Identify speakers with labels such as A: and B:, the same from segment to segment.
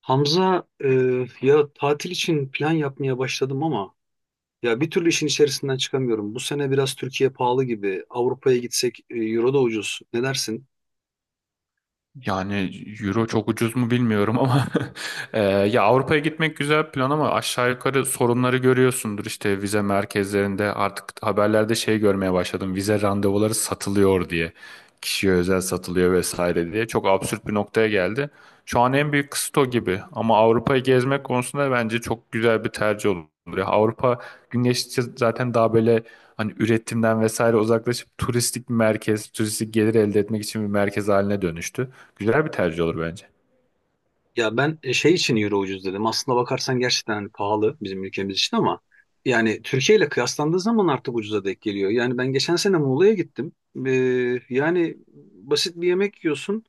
A: Hamza, ya tatil için plan yapmaya başladım ama ya bir türlü işin içerisinden çıkamıyorum. Bu sene biraz Türkiye pahalı gibi. Avrupa'ya gitsek, euro da ucuz. Ne dersin?
B: Yani euro çok ucuz mu bilmiyorum ama ya Avrupa'ya gitmek güzel bir plan ama aşağı yukarı sorunları görüyorsundur işte vize merkezlerinde artık haberlerde şey görmeye başladım vize randevuları satılıyor diye kişiye özel satılıyor vesaire diye çok absürt bir noktaya geldi. Şu an en büyük kısıt o gibi ama Avrupa'yı gezmek konusunda bence çok güzel bir tercih olur. Ya Avrupa gün geçtikçe zaten daha böyle hani üretimden vesaire uzaklaşıp turistik bir merkez, turistik gelir elde etmek için bir merkez haline dönüştü. Güzel bir tercih olur bence.
A: Ya ben şey için euro ucuz dedim. Aslında bakarsan gerçekten hani pahalı bizim ülkemiz için ama yani Türkiye ile kıyaslandığı zaman artık ucuza denk geliyor. Yani ben geçen sene Muğla'ya gittim. E, yani basit bir yemek yiyorsun.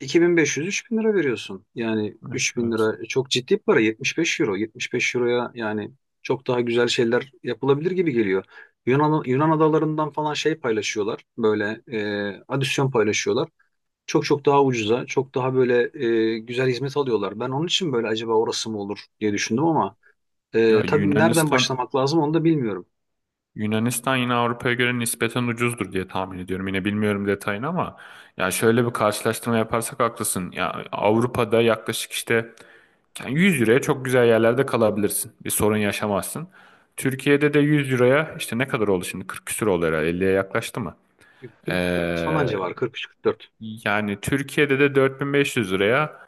A: 2500-3000 lira veriyorsun. Yani
B: Evet,
A: 3000
B: evet.
A: lira çok ciddi bir para. 75 euro. 75 euroya yani çok daha güzel şeyler yapılabilir gibi geliyor. Yunan adalarından falan şey paylaşıyorlar. Böyle adisyon paylaşıyorlar. Çok çok daha ucuza, çok daha böyle güzel hizmet alıyorlar. Ben onun için böyle acaba orası mı olur diye düşündüm ama
B: Ya
A: tabii nereden
B: Yunanistan
A: başlamak lazım onu da bilmiyorum.
B: Yunanistan yine Avrupa'ya göre nispeten ucuzdur diye tahmin ediyorum. Yine bilmiyorum detayını ama ya şöyle bir karşılaştırma yaparsak haklısın. Ya Avrupa'da yaklaşık işte yani 100 euroya çok güzel yerlerde kalabilirsin. Bir sorun yaşamazsın. Türkiye'de de 100 euroya işte ne kadar oldu şimdi? 40 küsür oldu herhalde. 50'ye yaklaştı mı?
A: 44 falan
B: Ee,
A: civarı, 43-44.
B: yani Türkiye'de de 4500 liraya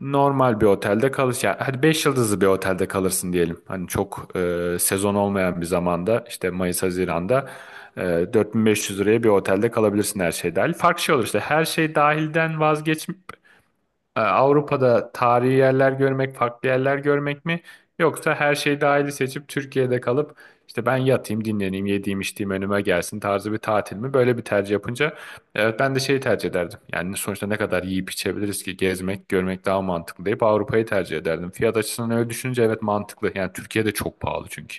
B: normal bir otelde kalış, yani hadi 5 yıldızlı bir otelde kalırsın diyelim. Hani çok sezon olmayan bir zamanda işte Mayıs Haziran'da e, 4500 liraya bir otelde kalabilirsin her şey dahil. Farklı şey olur işte, her şey dahilden vazgeç. E, Avrupa'da tarihi yerler görmek, farklı yerler görmek mi? Yoksa her şeyi dahili seçip Türkiye'de kalıp işte ben yatayım, dinleneyim, yediğim, içtiğim önüme gelsin tarzı bir tatil mi? Böyle bir tercih yapınca evet ben de şeyi tercih ederdim. Yani sonuçta ne kadar yiyip içebiliriz ki, gezmek, görmek daha mantıklı deyip Avrupa'yı tercih ederdim. Fiyat açısından öyle düşününce evet mantıklı. Yani Türkiye'de çok pahalı çünkü.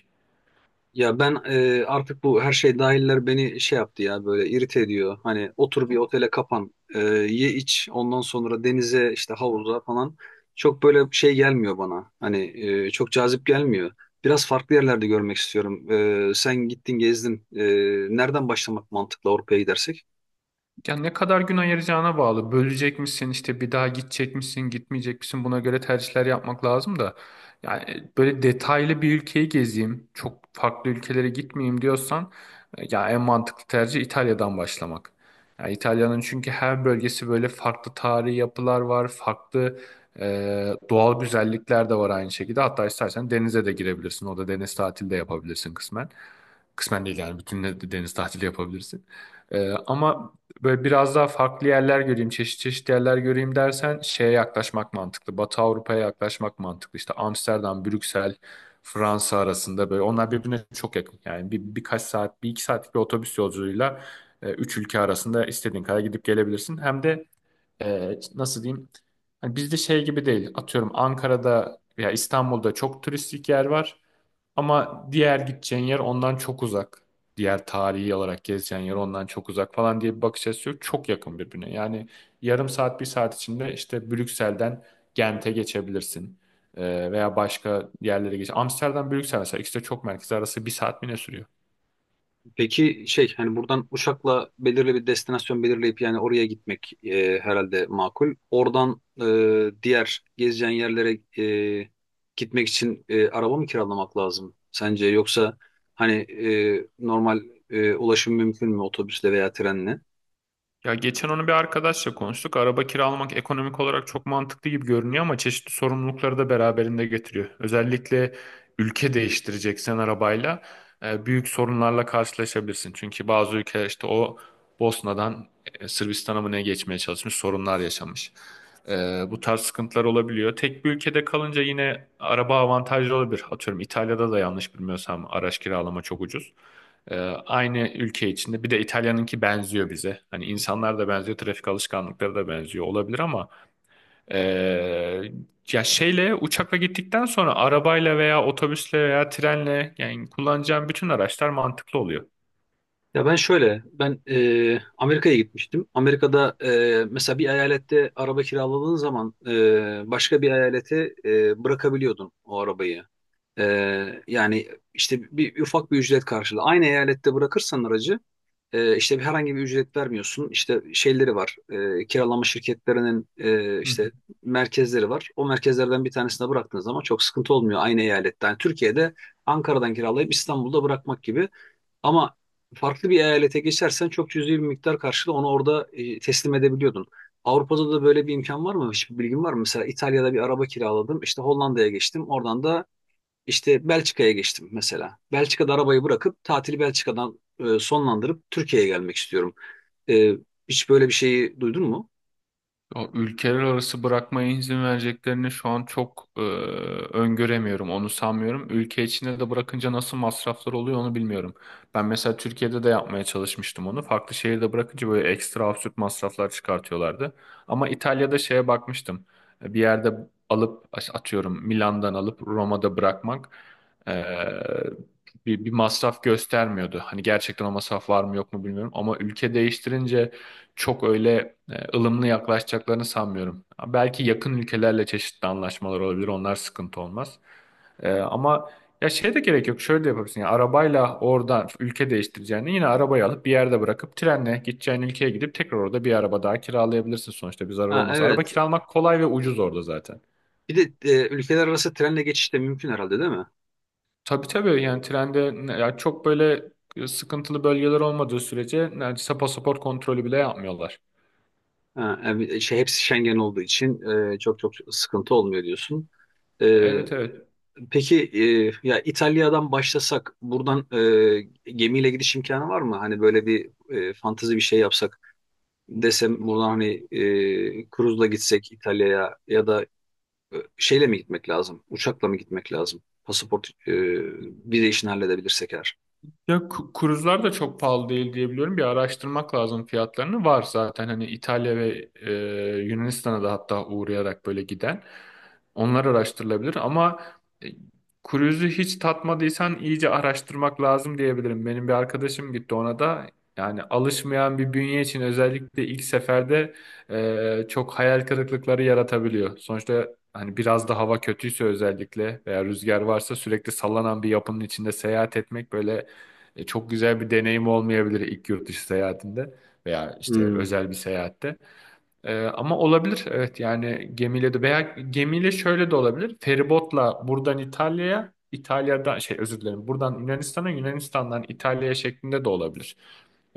A: Ya ben artık bu her şey dahiller beni şey yaptı ya böyle irite ediyor. Hani otur bir otele kapan, ye iç, ondan sonra denize işte havuza falan. Çok böyle şey gelmiyor bana. Hani çok cazip gelmiyor. Biraz farklı yerlerde görmek istiyorum. Sen gittin gezdin. Nereden başlamak mantıklı Avrupa'ya gidersek?
B: Ya ne kadar gün ayıracağına bağlı. Bölecek misin, işte bir daha gidecek misin gitmeyecek misin, buna göre tercihler yapmak lazım da. Yani böyle detaylı bir ülkeyi gezeyim çok farklı ülkelere gitmeyeyim diyorsan, ya en mantıklı tercih İtalya'dan başlamak. Ya İtalya'nın çünkü her bölgesi böyle farklı, tarihi yapılar var, farklı doğal güzellikler de var aynı şekilde. Hatta istersen denize de girebilirsin, o da deniz tatili de yapabilirsin kısmen. Kısmen değil yani bütün, deniz tatili yapabilirsin. Ama böyle biraz daha farklı yerler göreyim, çeşit çeşit yerler göreyim dersen şeye yaklaşmak mantıklı. Batı Avrupa'ya yaklaşmak mantıklı. İşte Amsterdam, Brüksel, Fransa arasında böyle, onlar birbirine çok yakın. Yani birkaç saat, bir iki saatlik bir otobüs yolculuğuyla üç ülke arasında istediğin kadar gidip gelebilirsin. Hem de nasıl diyeyim? Hani bizde şey gibi değil. Atıyorum Ankara'da veya İstanbul'da çok turistik yer var. Ama diğer gideceğin yer ondan çok uzak. Diğer tarihi olarak gezeceğin yer ondan çok uzak falan diye bir bakış açısı yok. Çok yakın birbirine. Yani yarım saat, bir saat içinde işte Brüksel'den Gent'e geçebilirsin. Veya başka yerlere geç. Amsterdam, Brüksel mesela, ikisi de çok merkez arası bir saat mi ne sürüyor?
A: Peki şey hani buradan uçakla belirli bir destinasyon belirleyip yani oraya gitmek herhalde makul. Oradan diğer gezeceğin yerlere gitmek için araba mı kiralamak lazım sence? Yoksa hani normal ulaşım mümkün mü otobüsle veya trenle?
B: Ya geçen onu bir arkadaşla konuştuk. Araba kiralamak ekonomik olarak çok mantıklı gibi görünüyor ama çeşitli sorumlulukları da beraberinde getiriyor. Özellikle ülke değiştireceksen arabayla büyük sorunlarla karşılaşabilirsin. Çünkü bazı ülkeler işte o Bosna'dan Sırbistan'a mı ne geçmeye çalışmış, sorunlar yaşamış. E, bu tarz sıkıntılar olabiliyor. Tek bir ülkede kalınca yine araba avantajlı olabilir. Atıyorum İtalya'da da yanlış bilmiyorsam araç kiralama çok ucuz. Ee, aynı ülke içinde. Bir de İtalya'nınki benziyor bize. Hani insanlar da benziyor, trafik alışkanlıkları da benziyor olabilir ama ee, ya şeyle, uçakla gittikten sonra arabayla veya otobüsle veya trenle, yani kullanacağım bütün araçlar mantıklı oluyor.
A: Ya ben şöyle, ben Amerika'ya gitmiştim. Amerika'da mesela bir eyalette araba kiraladığın zaman başka bir eyalete bırakabiliyordun o arabayı. E, yani işte ufak bir ücret karşılığı. Aynı eyalette bırakırsan aracı işte herhangi bir ücret vermiyorsun. İşte şeyleri var, kiralama şirketlerinin
B: Hı hı.
A: işte merkezleri var. O merkezlerden bir tanesine bıraktığın zaman çok sıkıntı olmuyor aynı eyalette. Yani Türkiye'de Ankara'dan kiralayıp İstanbul'da bırakmak gibi. Ama farklı bir eyalete geçersen çok cüzi bir miktar karşılığı onu orada teslim edebiliyordun. Avrupa'da da böyle bir imkan var mı? Hiçbir bilgin var mı? Mesela İtalya'da bir araba kiraladım. İşte Hollanda'ya geçtim. Oradan da işte Belçika'ya geçtim mesela. Belçika'da arabayı bırakıp tatili Belçika'dan sonlandırıp Türkiye'ye gelmek istiyorum. E, hiç böyle bir şeyi duydun mu?
B: O ülkeler arası bırakmaya izin vereceklerini şu an çok öngöremiyorum. Onu sanmıyorum. Ülke içinde de bırakınca nasıl masraflar oluyor onu bilmiyorum. Ben mesela Türkiye'de de yapmaya çalışmıştım onu. Farklı şehirde bırakınca böyle ekstra absürt masraflar çıkartıyorlardı. Ama İtalya'da şeye bakmıştım. E, Bir yerde alıp, atıyorum Milan'dan alıp Roma'da bırakmak e, bir masraf göstermiyordu. Hani gerçekten o masraf var mı yok mu bilmiyorum. Ama ülke değiştirince çok öyle ılımlı yaklaşacaklarını sanmıyorum. Belki yakın ülkelerle çeşitli anlaşmalar olabilir. Onlar sıkıntı olmaz. E, ama ya şey de gerek yok. Şöyle de yapabilirsin. Ya arabayla oradan ülke değiştireceğini yine arabayı alıp bir yerde bırakıp, trenle gideceğin ülkeye gidip tekrar orada bir araba daha kiralayabilirsin, sonuçta bir zarar
A: Ha,
B: olmaz. Araba
A: evet.
B: kiralamak kolay ve ucuz orada zaten.
A: Bir de ülkeler arası trenle geçiş de mümkün herhalde değil mi?
B: Tabii tabii, yani trende ya çok böyle sıkıntılı bölgeler olmadığı sürece neredeyse pasaport kontrolü bile yapmıyorlar.
A: Ha, yani şey, hepsi Schengen olduğu için çok çok sıkıntı olmuyor diyorsun. E,
B: Evet evet.
A: Peki ya İtalya'dan başlasak buradan gemiyle gidiş imkanı var mı? Hani böyle bir fantezi bir şey yapsak desem buradan hani kruzla gitsek İtalya'ya ya da şeyle mi gitmek lazım? Uçakla mı gitmek lazım? Pasaport vize işini halledebilirsek eğer.
B: Ya kruzlar da çok pahalı değil diyebiliyorum. Bir araştırmak lazım fiyatlarını. Var zaten hani İtalya ve Yunanistan'a da hatta uğrayarak böyle giden. Onlar araştırılabilir ama e, kruzu hiç tatmadıysan iyice araştırmak lazım diyebilirim. Benim bir arkadaşım gitti, ona da, yani alışmayan bir bünye için özellikle ilk seferde çok hayal kırıklıkları yaratabiliyor. Sonuçta hani biraz da hava kötüyse özellikle veya rüzgar varsa, sürekli sallanan bir yapının içinde seyahat etmek böyle çok güzel bir deneyim olmayabilir ilk yurt dışı seyahatinde veya işte
A: Hmm.
B: özel bir seyahatte. E, ama olabilir evet, yani gemiyle de, veya gemiyle şöyle de olabilir. Feribotla buradan İtalya'ya, İtalya'dan şey, özür dilerim, buradan Yunanistan'a, Yunanistan'dan İtalya'ya şeklinde de olabilir.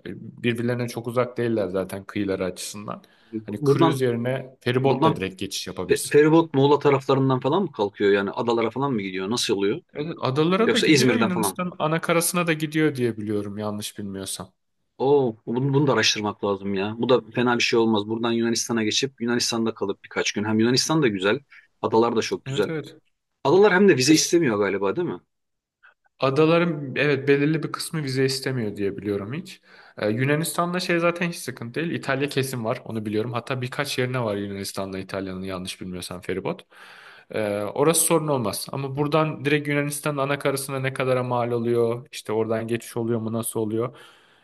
B: E, birbirlerine çok uzak değiller zaten kıyıları açısından.
A: Bu-
B: Hani
A: Buradan
B: cruise yerine
A: buradan
B: feribotla direkt geçiş yapabilirsin.
A: feribot Muğla taraflarından falan mı kalkıyor? Yani adalara falan mı gidiyor? Nasıl oluyor?
B: Evet, adalara da
A: Yoksa
B: gidiyor,
A: İzmir'den falan.
B: Yunanistan'ın ana karasına da gidiyor diye biliyorum, yanlış bilmiyorsam.
A: Oo, bunu da araştırmak lazım ya. Bu da fena bir şey olmaz. Buradan Yunanistan'a geçip Yunanistan'da kalıp birkaç gün. Hem Yunanistan da güzel. Adalar da çok
B: Evet
A: güzel.
B: evet.
A: Adalar hem de vize
B: Ya
A: istemiyor galiba değil mi?
B: adaların evet belirli bir kısmı vize istemiyor diye biliyorum hiç. Yunanistan'da şey zaten hiç sıkıntı değil. İtalya kesin var, onu biliyorum. Hatta birkaç yerine var Yunanistan'la İtalya'nın, yanlış bilmiyorsam, feribot. Orası sorun olmaz. Ama buradan direkt Yunanistan'ın ana karasına ne kadara mal oluyor? İşte oradan geçiş oluyor mu, nasıl oluyor?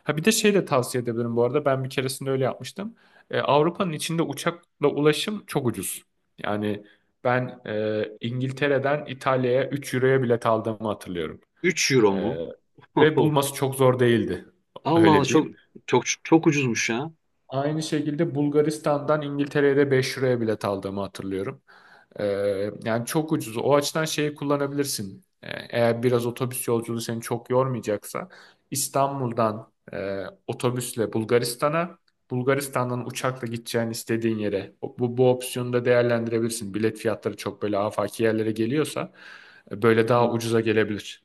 B: Ha, bir de şey de tavsiye edebilirim bu arada. Ben bir keresinde öyle yapmıştım. Avrupa'nın içinde uçakla ulaşım çok ucuz. Yani ben İngiltere'den İtalya'ya 3 euroya bilet aldığımı hatırlıyorum.
A: 3 euro
B: Ee,
A: mu?
B: ve
A: Of.
B: bulması çok zor değildi.
A: Allah Allah,
B: Öyle
A: çok
B: diyeyim.
A: çok ucuzmuş ya.
B: Aynı şekilde Bulgaristan'dan İngiltere'ye de 5 liraya bilet aldığımı hatırlıyorum. Ee, yani çok ucuz. O açıdan şeyi kullanabilirsin. Eğer biraz otobüs yolculuğu seni çok yormayacaksa, İstanbul'dan otobüsle Bulgaristan'a, Bulgaristan'dan uçakla gideceğin istediğin yere, bu opsiyonu da değerlendirebilirsin. Bilet fiyatları çok böyle afaki yerlere geliyorsa böyle daha ucuza gelebilir.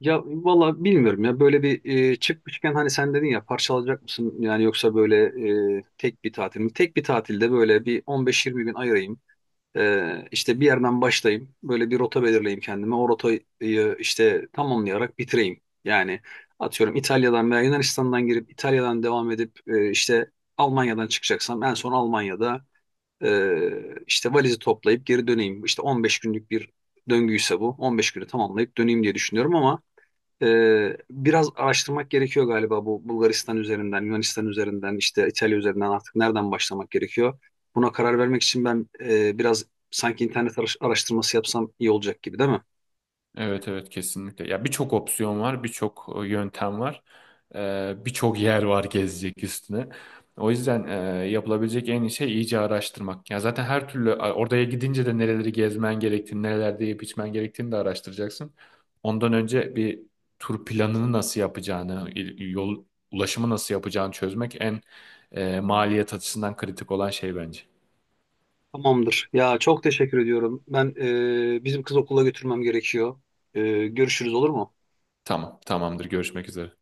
A: Ya valla bilmiyorum ya böyle bir çıkmışken hani sen dedin ya parçalayacak mısın yani yoksa böyle tek bir tatil mi? Tek bir tatilde böyle bir 15-20 gün ayırayım. İşte bir yerden başlayayım. Böyle bir rota belirleyeyim kendime. O rotayı işte tamamlayarak bitireyim. Yani atıyorum İtalya'dan veya Yunanistan'dan girip İtalya'dan devam edip işte Almanya'dan çıkacaksam en son Almanya'da e, işte valizi toplayıp geri döneyim. İşte 15 günlük bir döngüyse bu. 15 günü tamamlayıp döneyim diye düşünüyorum ama biraz araştırmak gerekiyor galiba bu Bulgaristan üzerinden, Yunanistan üzerinden, işte İtalya üzerinden artık nereden başlamak gerekiyor? Buna karar vermek için ben biraz sanki internet araştırması yapsam iyi olacak gibi değil mi?
B: Evet evet, kesinlikle. Ya birçok opsiyon var, birçok yöntem var. Birçok yer var gezecek üstüne. O yüzden yapılabilecek en iyi şey iyice araştırmak. Ya zaten her türlü oraya gidince de nereleri gezmen gerektiğini, nelerde yiyip içmen gerektiğini de araştıracaksın. Ondan önce bir tur planını nasıl yapacağını, yol ulaşımı nasıl yapacağını çözmek, en maliyet açısından kritik olan şey bence.
A: Tamamdır. Ya çok teşekkür ediyorum. Ben bizim kız okula götürmem gerekiyor. Görüşürüz olur mu?
B: Tamam, tamamdır. Görüşmek üzere.